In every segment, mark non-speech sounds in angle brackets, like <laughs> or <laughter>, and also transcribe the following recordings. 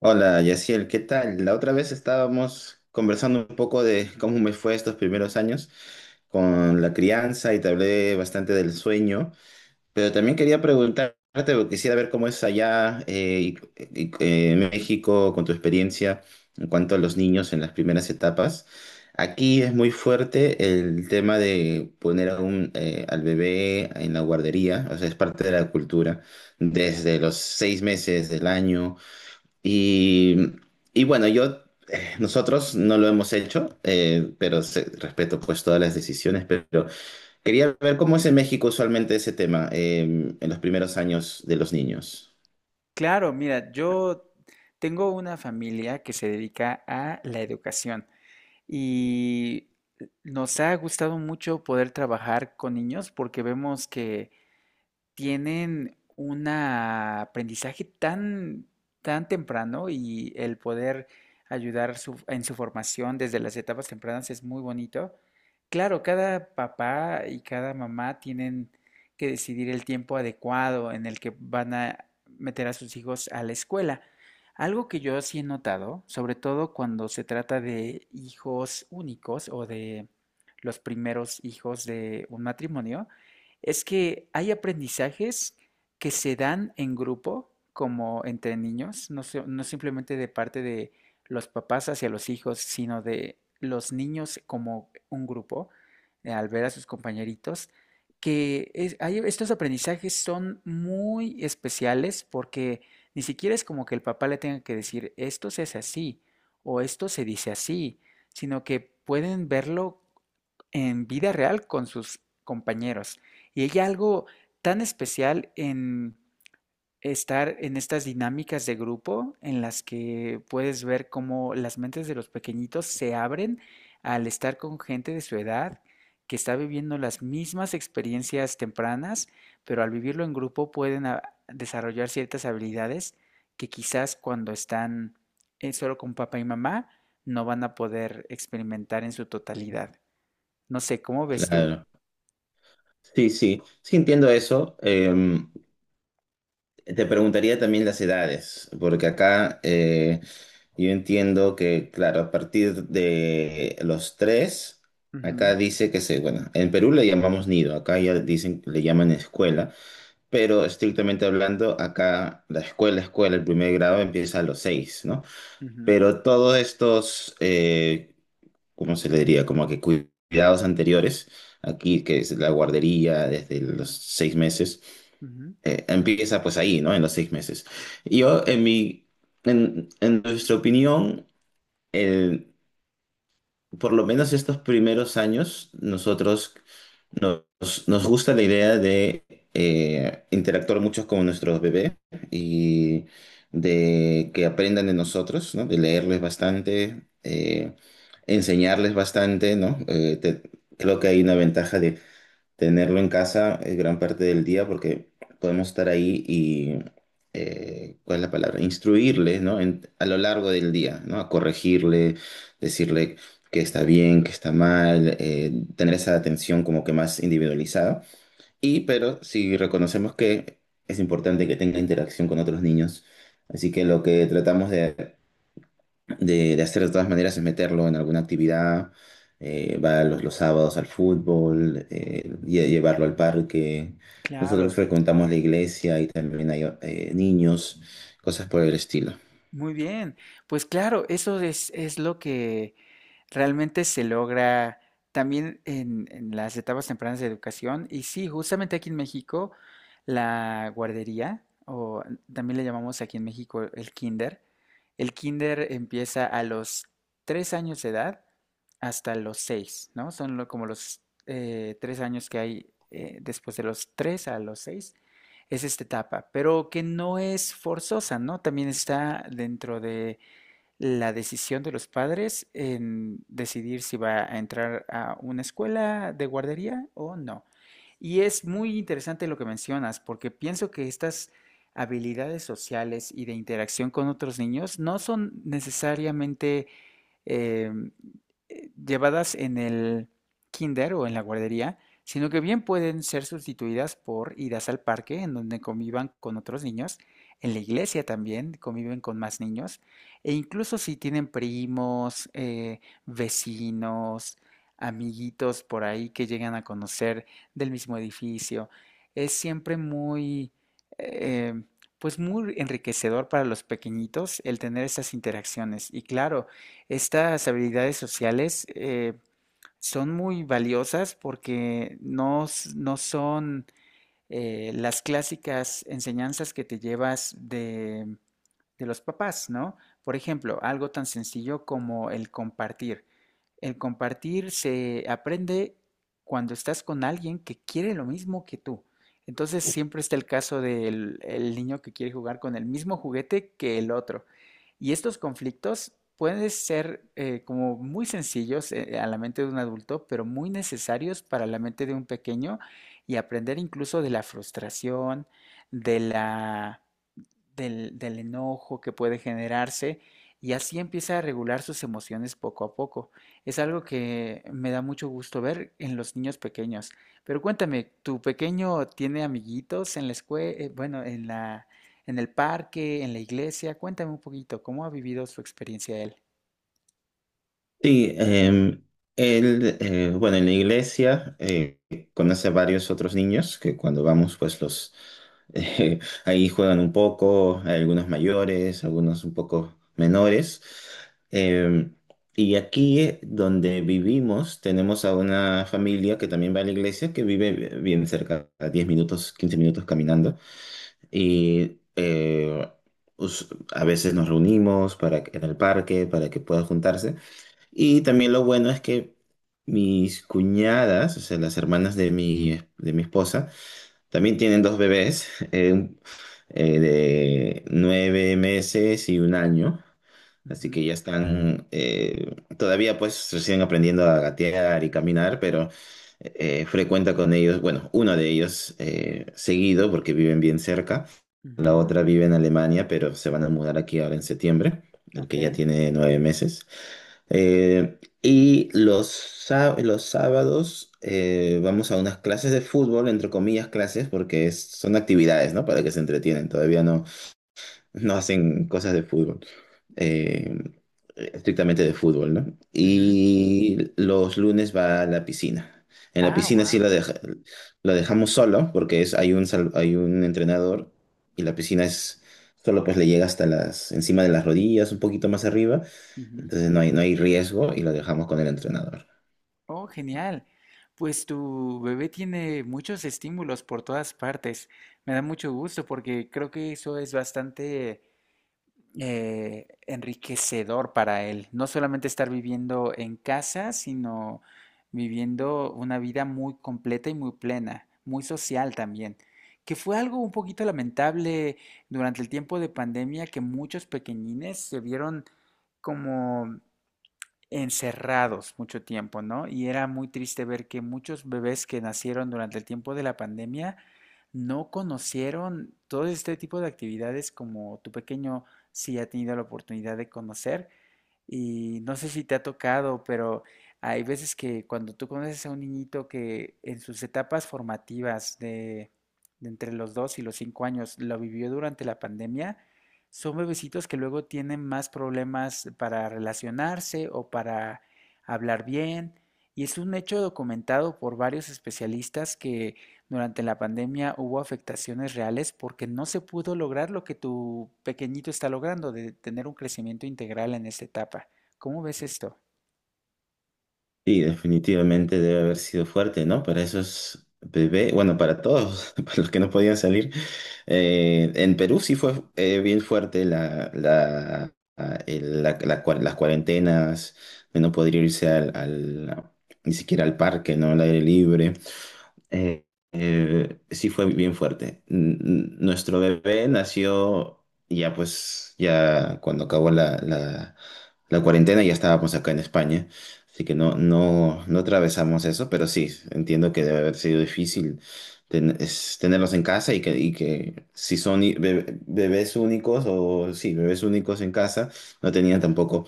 Hola, Yaciel, ¿qué tal? La otra vez estábamos conversando un poco de cómo me fue estos primeros años con la crianza y te hablé bastante del sueño, pero también quería preguntarte, porque quisiera ver cómo es allá en México con tu experiencia en cuanto a los niños en las primeras etapas. Aquí es muy fuerte el tema de poner a al bebé en la guardería, o sea, es parte de la cultura desde los 6 meses del año y, y bueno, nosotros no lo hemos hecho, pero respeto pues todas las decisiones, pero quería ver cómo es en México usualmente ese tema, en los primeros años de los niños. Claro, mira, yo tengo una familia que se dedica a la educación y nos ha gustado mucho poder trabajar con niños porque vemos que tienen un aprendizaje tan, tan temprano y el poder ayudar en su formación desde las etapas tempranas es muy bonito. Claro, cada papá y cada mamá tienen que decidir el tiempo adecuado en el que van a meter a sus hijos a la escuela. Algo que yo sí he notado, sobre todo cuando se trata de hijos únicos o de los primeros hijos de un matrimonio, es que hay aprendizajes que se dan en grupo, como entre niños, no, no simplemente de parte de los papás hacia los hijos, sino de los niños como un grupo, al ver a sus compañeritos, estos aprendizajes son muy especiales porque ni siquiera es como que el papá le tenga que decir esto se hace así o esto se dice así, sino que pueden verlo en vida real con sus compañeros. Y hay algo tan especial en estar en estas dinámicas de grupo en las que puedes ver cómo las mentes de los pequeñitos se abren al estar con gente de su edad que está viviendo las mismas experiencias tempranas, pero al vivirlo en grupo pueden desarrollar ciertas habilidades que quizás cuando están solo con papá y mamá no van a poder experimentar en su totalidad. No sé, ¿cómo ves tú? Claro. Sí, sí, sí entiendo eso. Te preguntaría también las edades, porque acá yo entiendo que, claro, a partir de los tres, Ujú, acá dice que se, bueno, en Perú le llamamos nido, acá ya dicen, le llaman escuela. Pero estrictamente hablando, acá la escuela, escuela, el primer grado empieza a los 6, ¿no? ujú, Pero todos estos, ¿cómo se le diría? Como que cuidados anteriores, aquí que es la guardería desde los 6 meses, ujú. Empieza pues ahí, ¿no? En los 6 meses. Yo, en mi, en nuestra opinión, el- por lo menos estos primeros años, nos, nos gusta la idea de interactuar mucho con nuestros bebés y de que aprendan de nosotros, ¿no? De leerles bastante, enseñarles bastante, ¿no? Creo que hay una ventaja. Tenerlo en casa es gran parte del día porque podemos estar ahí y, ¿cuál es la palabra? Instruirle, ¿no? A lo largo del día, ¿no? A corregirle, decirle que está bien, que está mal, tener esa atención como que más individualizada. Y, pero si reconocemos que es importante que tenga interacción con otros niños, así que lo que tratamos de hacer de todas maneras es meterlo en alguna actividad, va los sábados al fútbol, llevarlo al parque. Nosotros Claro, frecuentamos la iglesia y también hay niños, cosas por el estilo. muy bien. Pues claro, eso es lo que realmente se logra también en las etapas tempranas de educación. Y sí, justamente aquí en México, la guardería, o también le llamamos aquí en México el kinder empieza a los 3 años de edad hasta los seis, ¿no? Son como los 3 años que hay después de los tres a los seis es esta etapa, pero que no es forzosa, ¿no? También está dentro de la decisión de los padres en decidir si va a entrar a una escuela de guardería o no. Y es muy interesante lo que mencionas, porque pienso que estas habilidades sociales y de interacción con otros niños no son necesariamente eh, llevadas en el kinder o en la guardería, sino que bien pueden ser sustituidas por idas al parque, en donde convivan con otros niños, en la iglesia también conviven con más niños, e incluso si tienen primos, vecinos, amiguitos por ahí que llegan a conocer del mismo edificio. Es siempre muy, eh, pues muy enriquecedor para los pequeñitos el tener esas interacciones. Y claro, estas habilidades sociales son muy valiosas porque no, no son las clásicas enseñanzas que te llevas de los papás, ¿no? Por ejemplo, algo tan sencillo como el compartir. El compartir se aprende cuando estás con alguien que quiere lo mismo que tú. Entonces siempre está el caso del el niño que quiere jugar con el mismo juguete que el otro. Y estos conflictos pueden ser como muy sencillos a la mente de un adulto, pero muy necesarios para la mente de un pequeño y aprender incluso de la frustración, de la, del enojo que puede generarse y así empieza a regular sus emociones poco a poco. Es algo que me da mucho gusto ver en los niños pequeños. Pero cuéntame, ¿tu pequeño tiene amiguitos en la escuela, bueno, en el parque, en la iglesia? Cuéntame un poquito, ¿cómo ha vivido su experiencia él? Sí, él, bueno, en la iglesia conoce a varios otros niños que cuando vamos pues los, Eh, <laughs> ahí juegan un poco, hay algunos mayores, algunos un poco menores. Eh, y aquí donde vivimos tenemos a una familia que también va a la iglesia, que vive bien cerca, a 10 minutos, 15 minutos caminando. Y us- a veces nos reunimos en el parque para que puedan juntarse. Y también lo bueno es que mis cuñadas, o sea, las hermanas de mi esposa, también tienen dos bebés, de 9 meses y un año, así Ujú, que ya están, todavía pues recién aprendiendo a gatear y caminar, pero frecuenta con ellos, bueno, uno de ellos seguido porque viven bien cerca, la otra vive en Alemania, pero se van a mudar aquí ahora en septiembre, ujú, el ok, que ya tiene 9 meses. Y los sábados vamos a unas clases de fútbol, entre comillas clases, porque son actividades, ¿no? Para que se entretienen. Todavía no, no hacen cosas de fútbol, eh, estrictamente de fútbol, ¿no? ujú. Y los lunes va a la piscina. En la Ah, piscina wow. La dejamos solo porque es, hay un, hay un entrenador y la piscina es solo, pues le llega hasta las, encima de las rodillas, un poquito más arriba. Entonces no hay, no hay riesgo y lo dejamos con el entrenador. Oh, genial. Pues tu bebé tiene muchos estímulos por todas partes. Me da mucho gusto porque creo que eso es bastante enriquecedor para él. No solamente estar viviendo en casa, sino viviendo una vida muy completa y muy plena, muy social también. Que fue algo un poquito lamentable durante el tiempo de pandemia que muchos pequeñines se vieron como encerrados mucho tiempo, ¿no? Y era muy triste ver que muchos bebés que nacieron durante el tiempo de la pandemia no conocieron todo este tipo de actividades como tu pequeño sí ha tenido la oportunidad de conocer y no sé si te ha tocado, pero hay veces que cuando tú conoces a un niñito que en sus etapas formativas de entre los 2 y los 5 años lo vivió durante la pandemia, son bebecitos que luego tienen más problemas para relacionarse o para hablar bien. Y es un hecho documentado por varios especialistas que durante la pandemia hubo afectaciones reales porque no se pudo lograr lo que tu pequeñito está logrando de tener un crecimiento integral en esta etapa. ¿Cómo ves esto? Sí, definitivamente debe haber sido fuerte, ¿no? Para esos bebés, bueno, para todos, <laughs> para los que no podían salir. En Perú sí fue bien fuerte la, la, ah, el- la- la cua- las cuarentenas, de no poder ni siquiera al parque, ¿no? Al aire libre. Eh, sí fue bien fuerte. Nuestro bebé nació ya pues, ya cuando acabó la cuarentena, ya estábamos acá en España, así que no, no, no atravesamos eso, pero sí, entiendo que debe haber sido difícil ten- es tenerlos en casa y que si son bebés únicos o sí, bebés únicos en casa, no tenían tampoco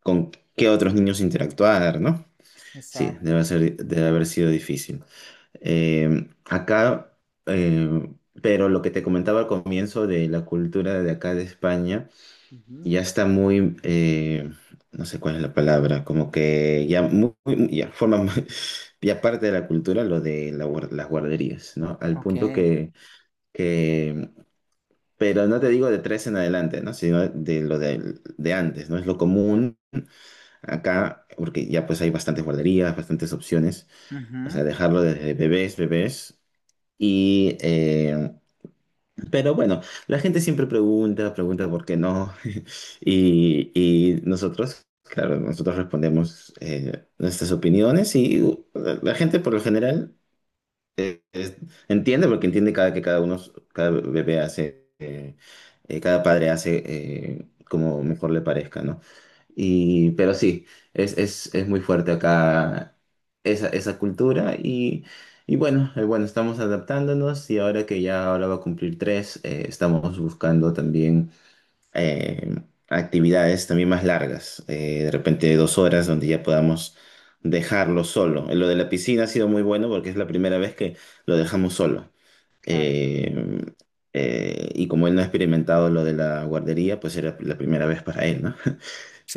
con qué otros niños interactuar, ¿no? Sí, Exacto. debe ser, debe haber sido difícil. Eh, acá, eh, pero lo que te comentaba al comienzo de la cultura de acá de España, Ujú. ya está muy, no sé cuál es la palabra, como que ya, ya forma <laughs> ya parte de la cultura lo de la las guarderías, ¿no? Al Ok. punto que, que, em, pero no te digo de tres en adelante, ¿no? Sino de lo de antes, ¿no? Es lo común acá, porque ya pues hay bastantes guarderías, bastantes opciones, o sea, Ujú. dejarlo desde bebés, bebés. Y, eh, pero bueno, la gente siempre pregunta, pregunta por qué no. <laughs> Y nosotros, claro, nosotros respondemos nuestras opiniones y la gente por lo general eh, es- entiende porque entiende cada que cada uno, cada bebé hace, cada padre hace como mejor le parezca, ¿no? Y, pero sí, es muy fuerte acá esa, esa cultura y bueno, bueno, estamos adaptándonos y ahora que ya ahora va a cumplir tres, estamos buscando también eh, actividades también más largas, de repente 2 horas donde ya podamos dejarlo solo. Lo de la piscina ha sido muy bueno porque es la primera vez que lo dejamos solo. Claro. Eh, y como él no ha experimentado lo de la guardería, pues era la primera vez para él, ¿no? <laughs>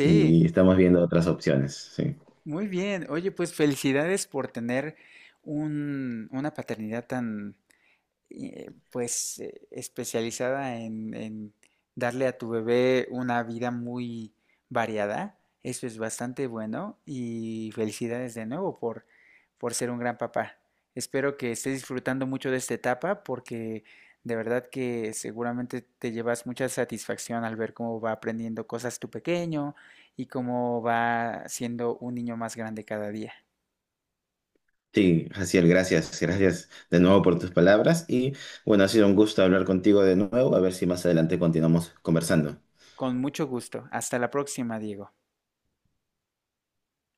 Y estamos viendo otras opciones, sí. muy bien. Oye, pues felicidades por tener una paternidad tan pues especializada en darle a tu bebé una vida muy variada. Eso es bastante bueno y felicidades de nuevo por ser un gran papá. Espero que estés disfrutando mucho de esta etapa porque de verdad que seguramente te llevas mucha satisfacción al ver cómo va aprendiendo cosas tu pequeño y cómo va siendo un niño más grande cada día. Sí, Jaciel, gracias, gracias de nuevo por tus palabras y bueno, ha sido un gusto hablar contigo de nuevo, a ver si más adelante continuamos conversando. Con mucho gusto. Hasta la próxima, Diego.